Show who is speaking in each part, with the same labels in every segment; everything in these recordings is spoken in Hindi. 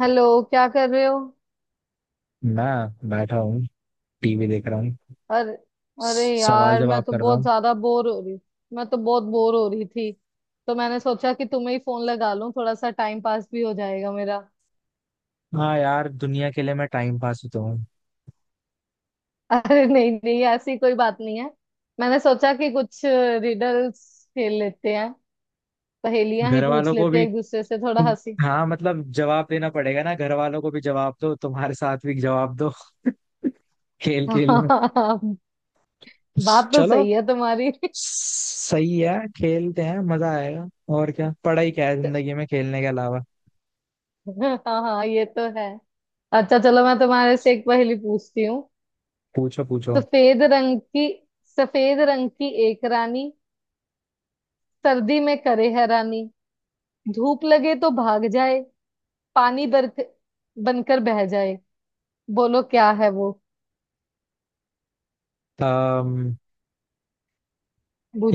Speaker 1: हेलो। क्या कर रहे हो?
Speaker 2: मैं बैठा हूँ। टीवी देख रहा हूँ।
Speaker 1: अरे, अरे
Speaker 2: सवाल
Speaker 1: यार, मैं
Speaker 2: जवाब
Speaker 1: तो
Speaker 2: कर रहा
Speaker 1: बहुत
Speaker 2: हूँ।
Speaker 1: ज्यादा बोर हो रही। मैं तो बहुत बोर हो रही थी, तो मैंने सोचा कि तुम्हें ही फोन लगा लूं, थोड़ा सा टाइम पास भी हो जाएगा मेरा।
Speaker 2: हाँ यार, दुनिया के लिए मैं टाइम पास ही तो हूँ।
Speaker 1: अरे नहीं नहीं, ऐसी कोई बात नहीं है। मैंने सोचा कि कुछ रिडल्स खेल लेते हैं, पहेलियां ही
Speaker 2: घर
Speaker 1: पूछ
Speaker 2: वालों को
Speaker 1: लेते हैं
Speaker 2: भी,
Speaker 1: एक दूसरे से, थोड़ा हंसी।
Speaker 2: हाँ जवाब देना पड़ेगा ना, घर वालों को भी जवाब दो, तुम्हारे साथ भी जवाब दो। खेल खेल में।
Speaker 1: हाँ, बात तो
Speaker 2: चलो
Speaker 1: सही है तुम्हारी।
Speaker 2: सही है, खेलते हैं, मजा आएगा। और क्या, पढ़ाई क्या है जिंदगी में खेलने के अलावा।
Speaker 1: हाँ हाँ, ये तो है। अच्छा चलो, मैं तुम्हारे से एक पहेली पूछती हूँ।
Speaker 2: पूछो पूछो।
Speaker 1: सफेद रंग की, सफेद रंग की एक रानी, सर्दी में करे हैरानी, धूप लगे तो भाग जाए, पानी बरक बनकर बह जाए। बोलो क्या है वो?
Speaker 2: अम्म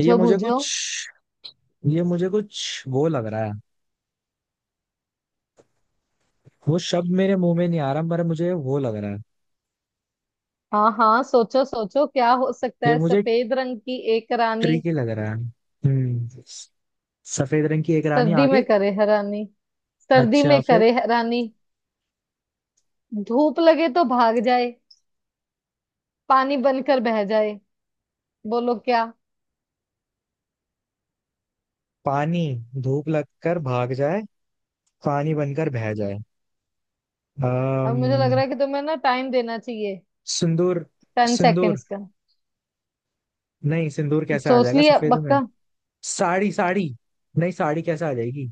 Speaker 2: ये मुझे
Speaker 1: बूझो।
Speaker 2: कुछ ये मुझे कुछ वो लग रहा है। वो शब्द मेरे मुंह में नहीं आ रहा, पर मुझे वो लग रहा है।
Speaker 1: हाँ हाँ, सोचो सोचो, क्या हो सकता
Speaker 2: ये
Speaker 1: है?
Speaker 2: मुझे
Speaker 1: सफेद रंग की एक रानी,
Speaker 2: ट्रिकी लग रहा है। हम्म सफेद रंग की एक रानी,
Speaker 1: सर्दी में
Speaker 2: आगे।
Speaker 1: करे हैरानी, सर्दी
Speaker 2: अच्छा
Speaker 1: में
Speaker 2: फिर।
Speaker 1: करे हैरानी, धूप लगे तो भाग जाए, पानी बनकर बह जाए। बोलो क्या?
Speaker 2: पानी, धूप लगकर भाग जाए, पानी बनकर बह जाए।
Speaker 1: अब मुझे लग
Speaker 2: अम्म
Speaker 1: रहा है कि तुम्हें ना टाइम देना चाहिए।
Speaker 2: सिंदूर।
Speaker 1: टेन
Speaker 2: सिंदूर।
Speaker 1: सेकेंड्स का।
Speaker 2: नहीं, सिंदूर कैसे आ
Speaker 1: सोच
Speaker 2: जाएगा
Speaker 1: लिया
Speaker 2: सफेद में।
Speaker 1: पक्का?
Speaker 2: साड़ी साड़ी। नहीं, साड़ी कैसे आ जाएगी।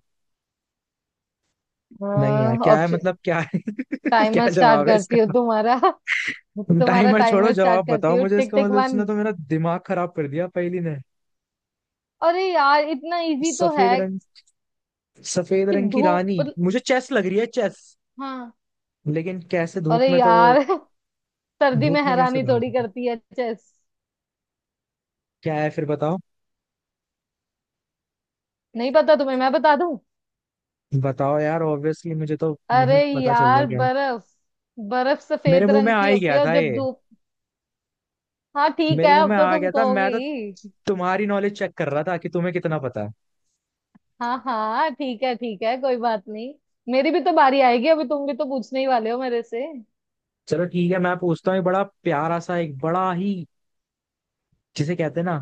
Speaker 2: नहीं यार,
Speaker 1: हाँ,
Speaker 2: क्या है,
Speaker 1: ऑप्शन।
Speaker 2: क्या है। क्या
Speaker 1: टाइमर स्टार्ट
Speaker 2: जवाब है इसका।
Speaker 1: करती हो तुम्हारा। तुम्हारा
Speaker 2: टाइमर छोड़ो,
Speaker 1: टाइमर
Speaker 2: जवाब
Speaker 1: स्टार्ट करती
Speaker 2: बताओ
Speaker 1: हो,
Speaker 2: मुझे
Speaker 1: टिक
Speaker 2: इसका।
Speaker 1: Tick one.
Speaker 2: उसने तो मेरा दिमाग खराब कर दिया पहली ने।
Speaker 1: अरे यार, इतना इजी तो है
Speaker 2: सफेद रंग सफेद
Speaker 1: कि
Speaker 2: रंग की
Speaker 1: धूप
Speaker 2: रानी।
Speaker 1: मतलब-
Speaker 2: मुझे चेस लग रही है, चेस।
Speaker 1: हाँ।
Speaker 2: लेकिन कैसे, धूप
Speaker 1: अरे
Speaker 2: में तो।
Speaker 1: यार सर्दी
Speaker 2: धूप
Speaker 1: में
Speaker 2: में कैसे
Speaker 1: हैरानी थोड़ी
Speaker 2: भागेंगे।
Speaker 1: करती है चेस।
Speaker 2: क्या है फिर, बताओ।
Speaker 1: नहीं पता तुम्हें? मैं बता दूं?
Speaker 2: बताओ यार, ऑब्वियसली मुझे तो
Speaker 1: अरे
Speaker 2: नहीं पता चल रहा
Speaker 1: यार,
Speaker 2: क्या है।
Speaker 1: बर्फ। बर्फ
Speaker 2: मेरे
Speaker 1: सफेद
Speaker 2: मुंह में
Speaker 1: रंग
Speaker 2: आ
Speaker 1: की
Speaker 2: ही
Speaker 1: होती
Speaker 2: गया
Speaker 1: है, और
Speaker 2: था
Speaker 1: जब
Speaker 2: ये।
Speaker 1: धूप। हाँ ठीक है,
Speaker 2: मेरे मुंह में
Speaker 1: अब तो
Speaker 2: आ
Speaker 1: तुम
Speaker 2: गया था
Speaker 1: कहोगे
Speaker 2: मैं तो
Speaker 1: ही।
Speaker 2: तुम्हारी नॉलेज चेक कर रहा था कि तुम्हें कितना पता है।
Speaker 1: हाँ हाँ ठीक है, ठीक है, कोई बात नहीं। मेरी भी तो बारी आएगी अभी, तुम भी तो पूछने ही वाले हो मेरे से।
Speaker 2: चलो ठीक है, मैं पूछता हूँ। एक बड़ा ही, जिसे कहते हैं ना,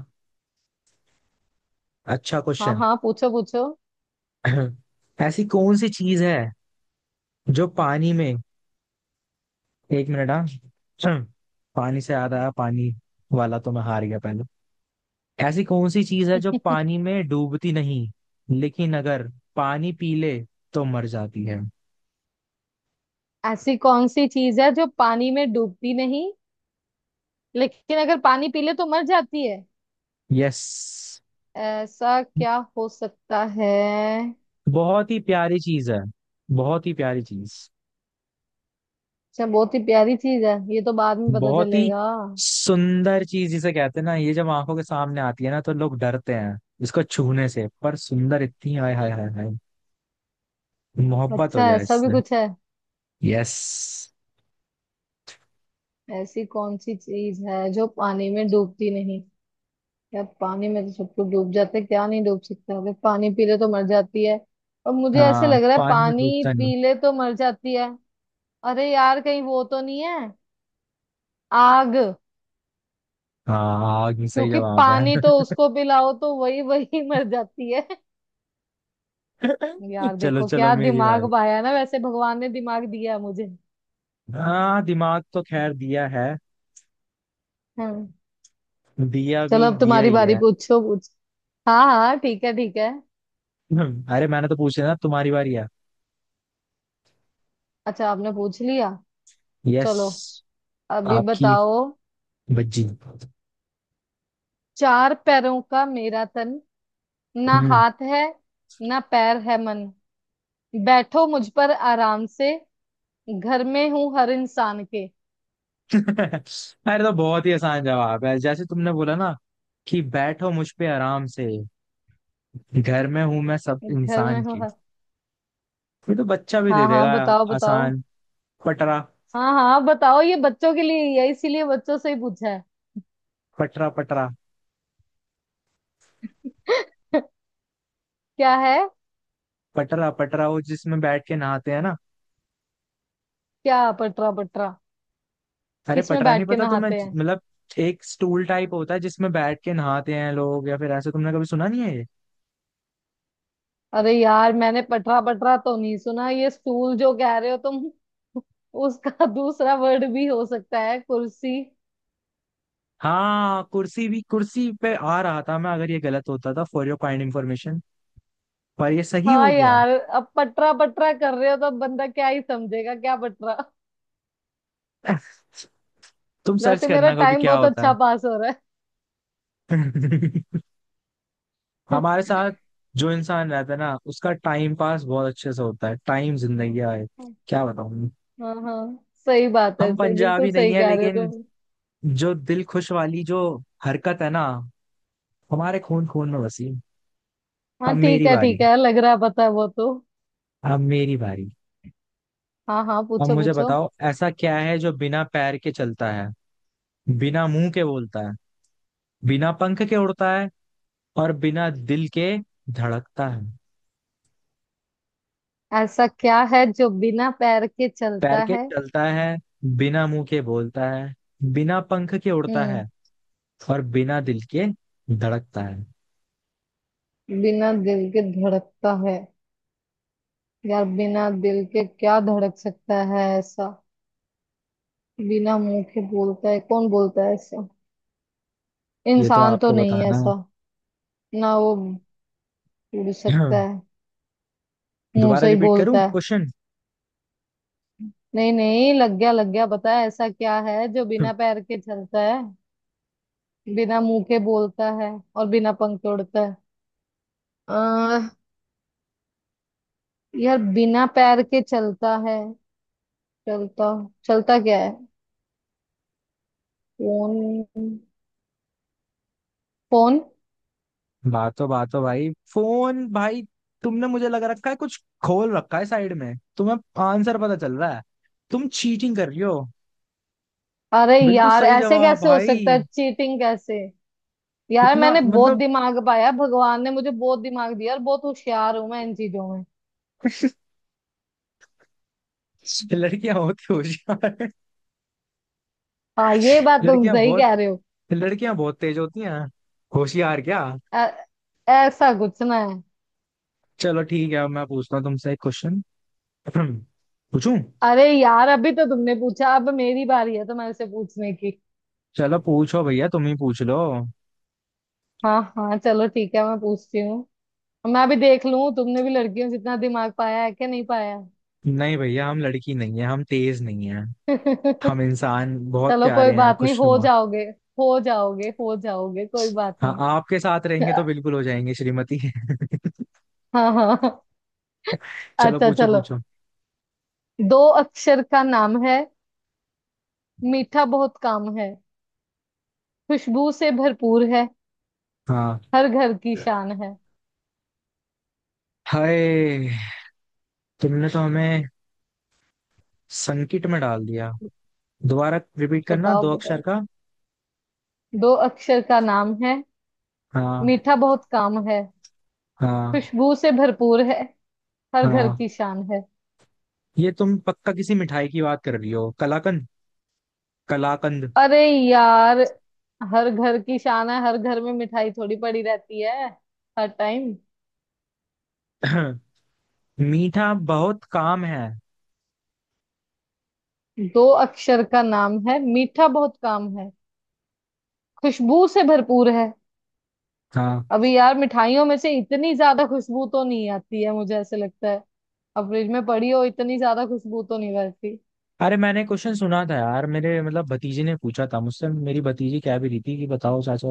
Speaker 2: अच्छा
Speaker 1: हाँ
Speaker 2: क्वेश्चन।
Speaker 1: हाँ, पूछो पूछो।
Speaker 2: ऐसी कौन सी चीज है जो पानी में, एक मिनट। हाँ। पानी से याद आया, पानी वाला तो मैं हार गया पहले। ऐसी कौन सी चीज है जो पानी में डूबती नहीं, लेकिन अगर पानी पी ले तो मर जाती है।
Speaker 1: ऐसी कौन सी चीज है जो पानी में डूबती नहीं, लेकिन अगर पानी पी ले तो मर जाती है?
Speaker 2: यस।
Speaker 1: ऐसा क्या हो सकता है?
Speaker 2: बहुत ही प्यारी चीज है, बहुत ही प्यारी चीज।
Speaker 1: अच्छा बहुत ही प्यारी चीज है, ये तो बाद में पता
Speaker 2: बहुत ही
Speaker 1: चलेगा।
Speaker 2: सुंदर चीज, जिसे कहते हैं ना, ये जब आंखों के सामने आती है ना तो लोग डरते हैं इसको छूने से, पर सुंदर इतनी, हाय हाय हाय हाय, मोहब्बत हो
Speaker 1: अच्छा,
Speaker 2: जाए
Speaker 1: ऐसा भी
Speaker 2: इससे।
Speaker 1: कुछ है?
Speaker 2: यस।
Speaker 1: ऐसी कौन सी चीज है जो पानी में डूबती नहीं? यार पानी में तो सबको डूब जाते, क्या नहीं डूब सकता? अगर पानी पी ले तो मर जाती है, और मुझे ऐसे
Speaker 2: हाँ,
Speaker 1: लग रहा है
Speaker 2: पानी में
Speaker 1: पानी
Speaker 2: डूबता नहीं।
Speaker 1: पी ले तो मर जाती है। अरे यार, कहीं वो तो नहीं है, आग?
Speaker 2: हाँ, आग सही
Speaker 1: क्योंकि
Speaker 2: जवाब है।
Speaker 1: पानी तो उसको पिलाओ तो वही वही मर जाती है। यार
Speaker 2: चलो
Speaker 1: देखो,
Speaker 2: चलो,
Speaker 1: क्या
Speaker 2: मेरी बारी।
Speaker 1: दिमाग पाया ना वैसे, भगवान ने दिमाग दिया है मुझे।
Speaker 2: हाँ, दिमाग तो खैर दिया है,
Speaker 1: हाँ।
Speaker 2: दिया भी
Speaker 1: चलो अब
Speaker 2: दिया
Speaker 1: तुम्हारी
Speaker 2: ही
Speaker 1: बारी,
Speaker 2: है।
Speaker 1: पूछो पूछ। हाँ हाँ ठीक है, ठीक है।
Speaker 2: अरे मैंने तो पूछा ना, तुम्हारी बारी है।
Speaker 1: अच्छा, आपने पूछ लिया।
Speaker 2: यस।
Speaker 1: चलो, अभी
Speaker 2: आपकी
Speaker 1: बताओ।
Speaker 2: बज्जी।
Speaker 1: चार पैरों का मेरा तन, ना
Speaker 2: हम्म।
Speaker 1: हाथ है, ना पैर है मन, बैठो मुझ पर आराम से, घर में हूँ हर इंसान के।
Speaker 2: अरे तो बहुत ही आसान जवाब है, जैसे तुमने बोला ना कि बैठो मुझ पे आराम से, घर में हूं मैं सब
Speaker 1: घर में
Speaker 2: इंसान
Speaker 1: हूँ
Speaker 2: की।
Speaker 1: हर...
Speaker 2: ये तो बच्चा भी दे
Speaker 1: हाँ
Speaker 2: देगा।
Speaker 1: हाँ, बताओ बताओ।
Speaker 2: आसान। पटरा।
Speaker 1: हाँ हाँ, बताओ, ये बच्चों के लिए ही है, इसीलिए बच्चों से ही पूछा है।
Speaker 2: पटरा पटरा।
Speaker 1: क्या है?
Speaker 2: पटरा पटरा वो जिसमें बैठ के नहाते हैं ना।
Speaker 1: क्या पटरा पटरा?
Speaker 2: अरे
Speaker 1: किसमें
Speaker 2: पटरा नहीं
Speaker 1: बैठ के
Speaker 2: पता, तो मैं
Speaker 1: नहाते हैं?
Speaker 2: एक स्टूल टाइप होता है जिसमें बैठ के नहाते हैं लोग। या फिर ऐसे, तुमने कभी सुना नहीं है ये।
Speaker 1: अरे यार, मैंने पटरा पटरा तो नहीं सुना। ये स्टूल जो कह रहे हो तुम, उसका दूसरा वर्ड भी हो सकता है कुर्सी।
Speaker 2: हाँ, कुर्सी पे आ रहा था मैं, अगर ये गलत होता, था फॉर योर काइंड इंफॉर्मेशन। पर ये सही
Speaker 1: हाँ
Speaker 2: हो गया।
Speaker 1: यार, अब पटरा पटरा कर रहे हो, तो अब बंदा क्या ही समझेगा क्या पटरा?
Speaker 2: तुम सर्च
Speaker 1: वैसे मेरा
Speaker 2: करना कभी
Speaker 1: टाइम
Speaker 2: क्या
Speaker 1: बहुत
Speaker 2: होता है।
Speaker 1: अच्छा पास हो रहा है।
Speaker 2: हमारे साथ जो इंसान रहता है ना, उसका टाइम पास बहुत अच्छे से होता है। टाइम जिंदगी है, क्या बताऊं।
Speaker 1: हाँ हाँ, सही बात है,
Speaker 2: हम
Speaker 1: सही, बिल्कुल
Speaker 2: पंजाबी नहीं
Speaker 1: सही
Speaker 2: है,
Speaker 1: कह रहे हो
Speaker 2: लेकिन
Speaker 1: तुम।
Speaker 2: जो दिल खुश वाली जो हरकत है ना, हमारे खून खून में बसी। अब
Speaker 1: हाँ ठीक
Speaker 2: मेरी
Speaker 1: है,
Speaker 2: बारी,
Speaker 1: ठीक है, लग रहा है, पता है वो तो।
Speaker 2: अब मेरी बारी।
Speaker 1: हाँ हाँ,
Speaker 2: अब
Speaker 1: पूछो
Speaker 2: मुझे
Speaker 1: पूछो।
Speaker 2: बताओ, ऐसा क्या है जो बिना पैर के चलता है, बिना मुंह के बोलता है, बिना पंख के उड़ता है, और बिना दिल के धड़कता है।
Speaker 1: ऐसा क्या है जो बिना पैर के
Speaker 2: पैर
Speaker 1: चलता
Speaker 2: के
Speaker 1: है?
Speaker 2: चलता है, बिना मुंह के बोलता है, बिना पंख के उड़ता
Speaker 1: हम्म।
Speaker 2: है, और बिना दिल के धड़कता है।
Speaker 1: बिना दिल के धड़कता है? यार बिना दिल के क्या धड़क सकता है ऐसा? बिना मुंह के बोलता है, कौन बोलता है ऐसा?
Speaker 2: ये तो
Speaker 1: इंसान तो
Speaker 2: आपको
Speaker 1: नहीं है
Speaker 2: बताना है।
Speaker 1: ऐसा। ना वो बोल सकता है, मुंह
Speaker 2: दोबारा
Speaker 1: से ही
Speaker 2: रिपीट करूं
Speaker 1: बोलता है।
Speaker 2: क्वेश्चन?
Speaker 1: नहीं नहीं, लग गया, लग गया, बता। ऐसा क्या है जो बिना पैर के चलता है, बिना मुंह के बोलता है, और बिना पंख के उड़ता है? अ, यार बिना पैर के चलता है, चलता चलता क्या है? फोन। फोन।
Speaker 2: बातो बातो भाई, फोन भाई। तुमने मुझे लग रखा है कुछ, खोल रखा है साइड में तुम्हें आंसर पता चल रहा है, तुम चीटिंग कर रही हो।
Speaker 1: अरे
Speaker 2: बिल्कुल
Speaker 1: यार,
Speaker 2: सही
Speaker 1: ऐसे
Speaker 2: जवाब
Speaker 1: कैसे हो
Speaker 2: भाई।
Speaker 1: सकता है? चीटिंग कैसे? यार
Speaker 2: इतना
Speaker 1: मैंने बहुत दिमाग पाया, भगवान ने मुझे बहुत दिमाग दिया, और बहुत होशियार हूं मैं इन चीजों में।
Speaker 2: लड़कियां होती होशियार हैं।
Speaker 1: हाँ, ये बात तुम
Speaker 2: लड़कियां
Speaker 1: सही
Speaker 2: बहुत
Speaker 1: कह रहे हो।
Speaker 2: लड़कियां बहुत तेज होती हैं, होशियार क्या।
Speaker 1: ऐ- ऐसा कुछ ना है।
Speaker 2: चलो ठीक है, अब मैं पूछता हूँ तुमसे एक क्वेश्चन। पूछूं।
Speaker 1: अरे यार, अभी तो तुमने पूछा, अब मेरी बारी है तुम्हारे से पूछने की।
Speaker 2: चलो पूछो भैया, तुम ही पूछ लो।
Speaker 1: हाँ हाँ चलो, ठीक है, मैं पूछती हूँ। मैं अभी देख लूं, तुमने भी लड़कियों जितना दिमाग पाया है कि नहीं
Speaker 2: नहीं भैया, हम लड़की नहीं है, हम तेज नहीं है।
Speaker 1: पाया।
Speaker 2: हम इंसान बहुत
Speaker 1: चलो,
Speaker 2: प्यारे
Speaker 1: कोई
Speaker 2: हैं,
Speaker 1: बात नहीं,
Speaker 2: खुश।
Speaker 1: हो जाओगे। हो जाओगे, हो जाओगे, कोई बात
Speaker 2: हाँ
Speaker 1: नहीं।
Speaker 2: आपके साथ रहेंगे तो बिल्कुल हो जाएंगे श्रीमती।
Speaker 1: हाँ हाँ हाँ।
Speaker 2: चलो
Speaker 1: अच्छा
Speaker 2: पूछो
Speaker 1: चलो,
Speaker 2: पूछो।
Speaker 1: दो अक्षर का नाम है, मीठा बहुत काम है, खुशबू से भरपूर है,
Speaker 2: हाँ।
Speaker 1: हर घर की शान है।
Speaker 2: हाय, तुमने तो हमें संकट में डाल दिया। दोबारा रिपीट करना,
Speaker 1: बताओ
Speaker 2: दो अक्षर
Speaker 1: बताओ।
Speaker 2: का।
Speaker 1: दो अक्षर का नाम है,
Speaker 2: हाँ।
Speaker 1: मीठा बहुत काम है,
Speaker 2: हाँ।
Speaker 1: खुशबू से भरपूर है, हर घर
Speaker 2: हाँ,
Speaker 1: की शान है।
Speaker 2: ये तुम पक्का किसी मिठाई की बात कर रही हो, कलाकंद, कलाकंद।
Speaker 1: अरे यार, हर घर की शान है, हर घर में मिठाई थोड़ी पड़ी रहती है हर टाइम।
Speaker 2: मीठा बहुत काम है।
Speaker 1: दो अक्षर का नाम है, मीठा बहुत काम है, खुशबू से भरपूर है।
Speaker 2: हाँ।
Speaker 1: अभी यार मिठाइयों में से इतनी ज्यादा खुशबू तो नहीं आती है, मुझे ऐसे लगता है। अब फ्रिज में पड़ी हो, इतनी ज्यादा खुशबू तो नहीं रहती।
Speaker 2: अरे मैंने क्वेश्चन सुना था यार, मेरे भतीजे ने पूछा था मुझसे, मेरी भतीजी कह भी रही थी कि बताओ चाचा,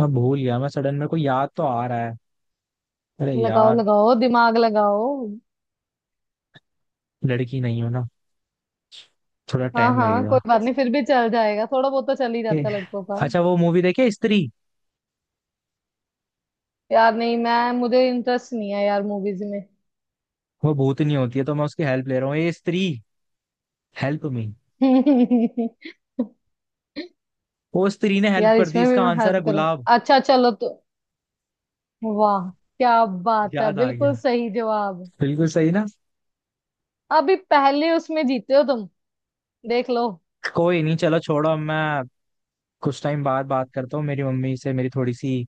Speaker 2: मैं भूल गया। मैं सडन, मेरे को याद तो आ रहा है, अरे
Speaker 1: लगाओ
Speaker 2: यार।
Speaker 1: लगाओ, दिमाग लगाओ।
Speaker 2: लड़की नहीं हो ना, थोड़ा
Speaker 1: हाँ
Speaker 2: टाइम
Speaker 1: हाँ, कोई
Speaker 2: लगेगा।
Speaker 1: बात नहीं, फिर भी चल जाएगा, थोड़ा बहुत तो चल ही
Speaker 2: ठीक
Speaker 1: जाता है
Speaker 2: है।
Speaker 1: लड़कों का।
Speaker 2: अच्छा वो मूवी देखे स्त्री,
Speaker 1: यार नहीं, मैं मुझे इंटरेस्ट नहीं है यार मूवीज में।
Speaker 2: वो भूतनी होती है, तो मैं उसकी हेल्प ले रहा हूँ ये स्त्री। Help me. वो स्त्री ने हेल्प
Speaker 1: यार
Speaker 2: कर दी,
Speaker 1: इसमें भी
Speaker 2: इसका
Speaker 1: मैं
Speaker 2: आंसर
Speaker 1: हेल्प
Speaker 2: है गुलाब।
Speaker 1: करूंगा। अच्छा चलो तो, वाह क्या बात है,
Speaker 2: याद आ
Speaker 1: बिल्कुल
Speaker 2: गया।
Speaker 1: सही जवाब।
Speaker 2: बिल्कुल सही ना।
Speaker 1: अभी पहले उसमें जीते हो तुम, देख लो।
Speaker 2: कोई नहीं, चलो छोड़ो। अब मैं कुछ टाइम बाद बात करता हूँ, मेरी मम्मी से मेरी थोड़ी सी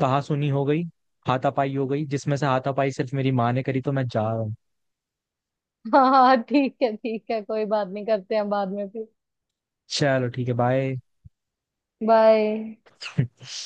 Speaker 2: कहासुनी हो गई, हाथापाई हो गई, जिसमें से हाथापाई सिर्फ मेरी माँ ने करी, तो मैं जा रहा हूँ।
Speaker 1: हाँ हाँ ठीक है, ठीक है, कोई बात नहीं, करते हैं बाद में फिर।
Speaker 2: चलो ठीक है, बाय।
Speaker 1: बाय।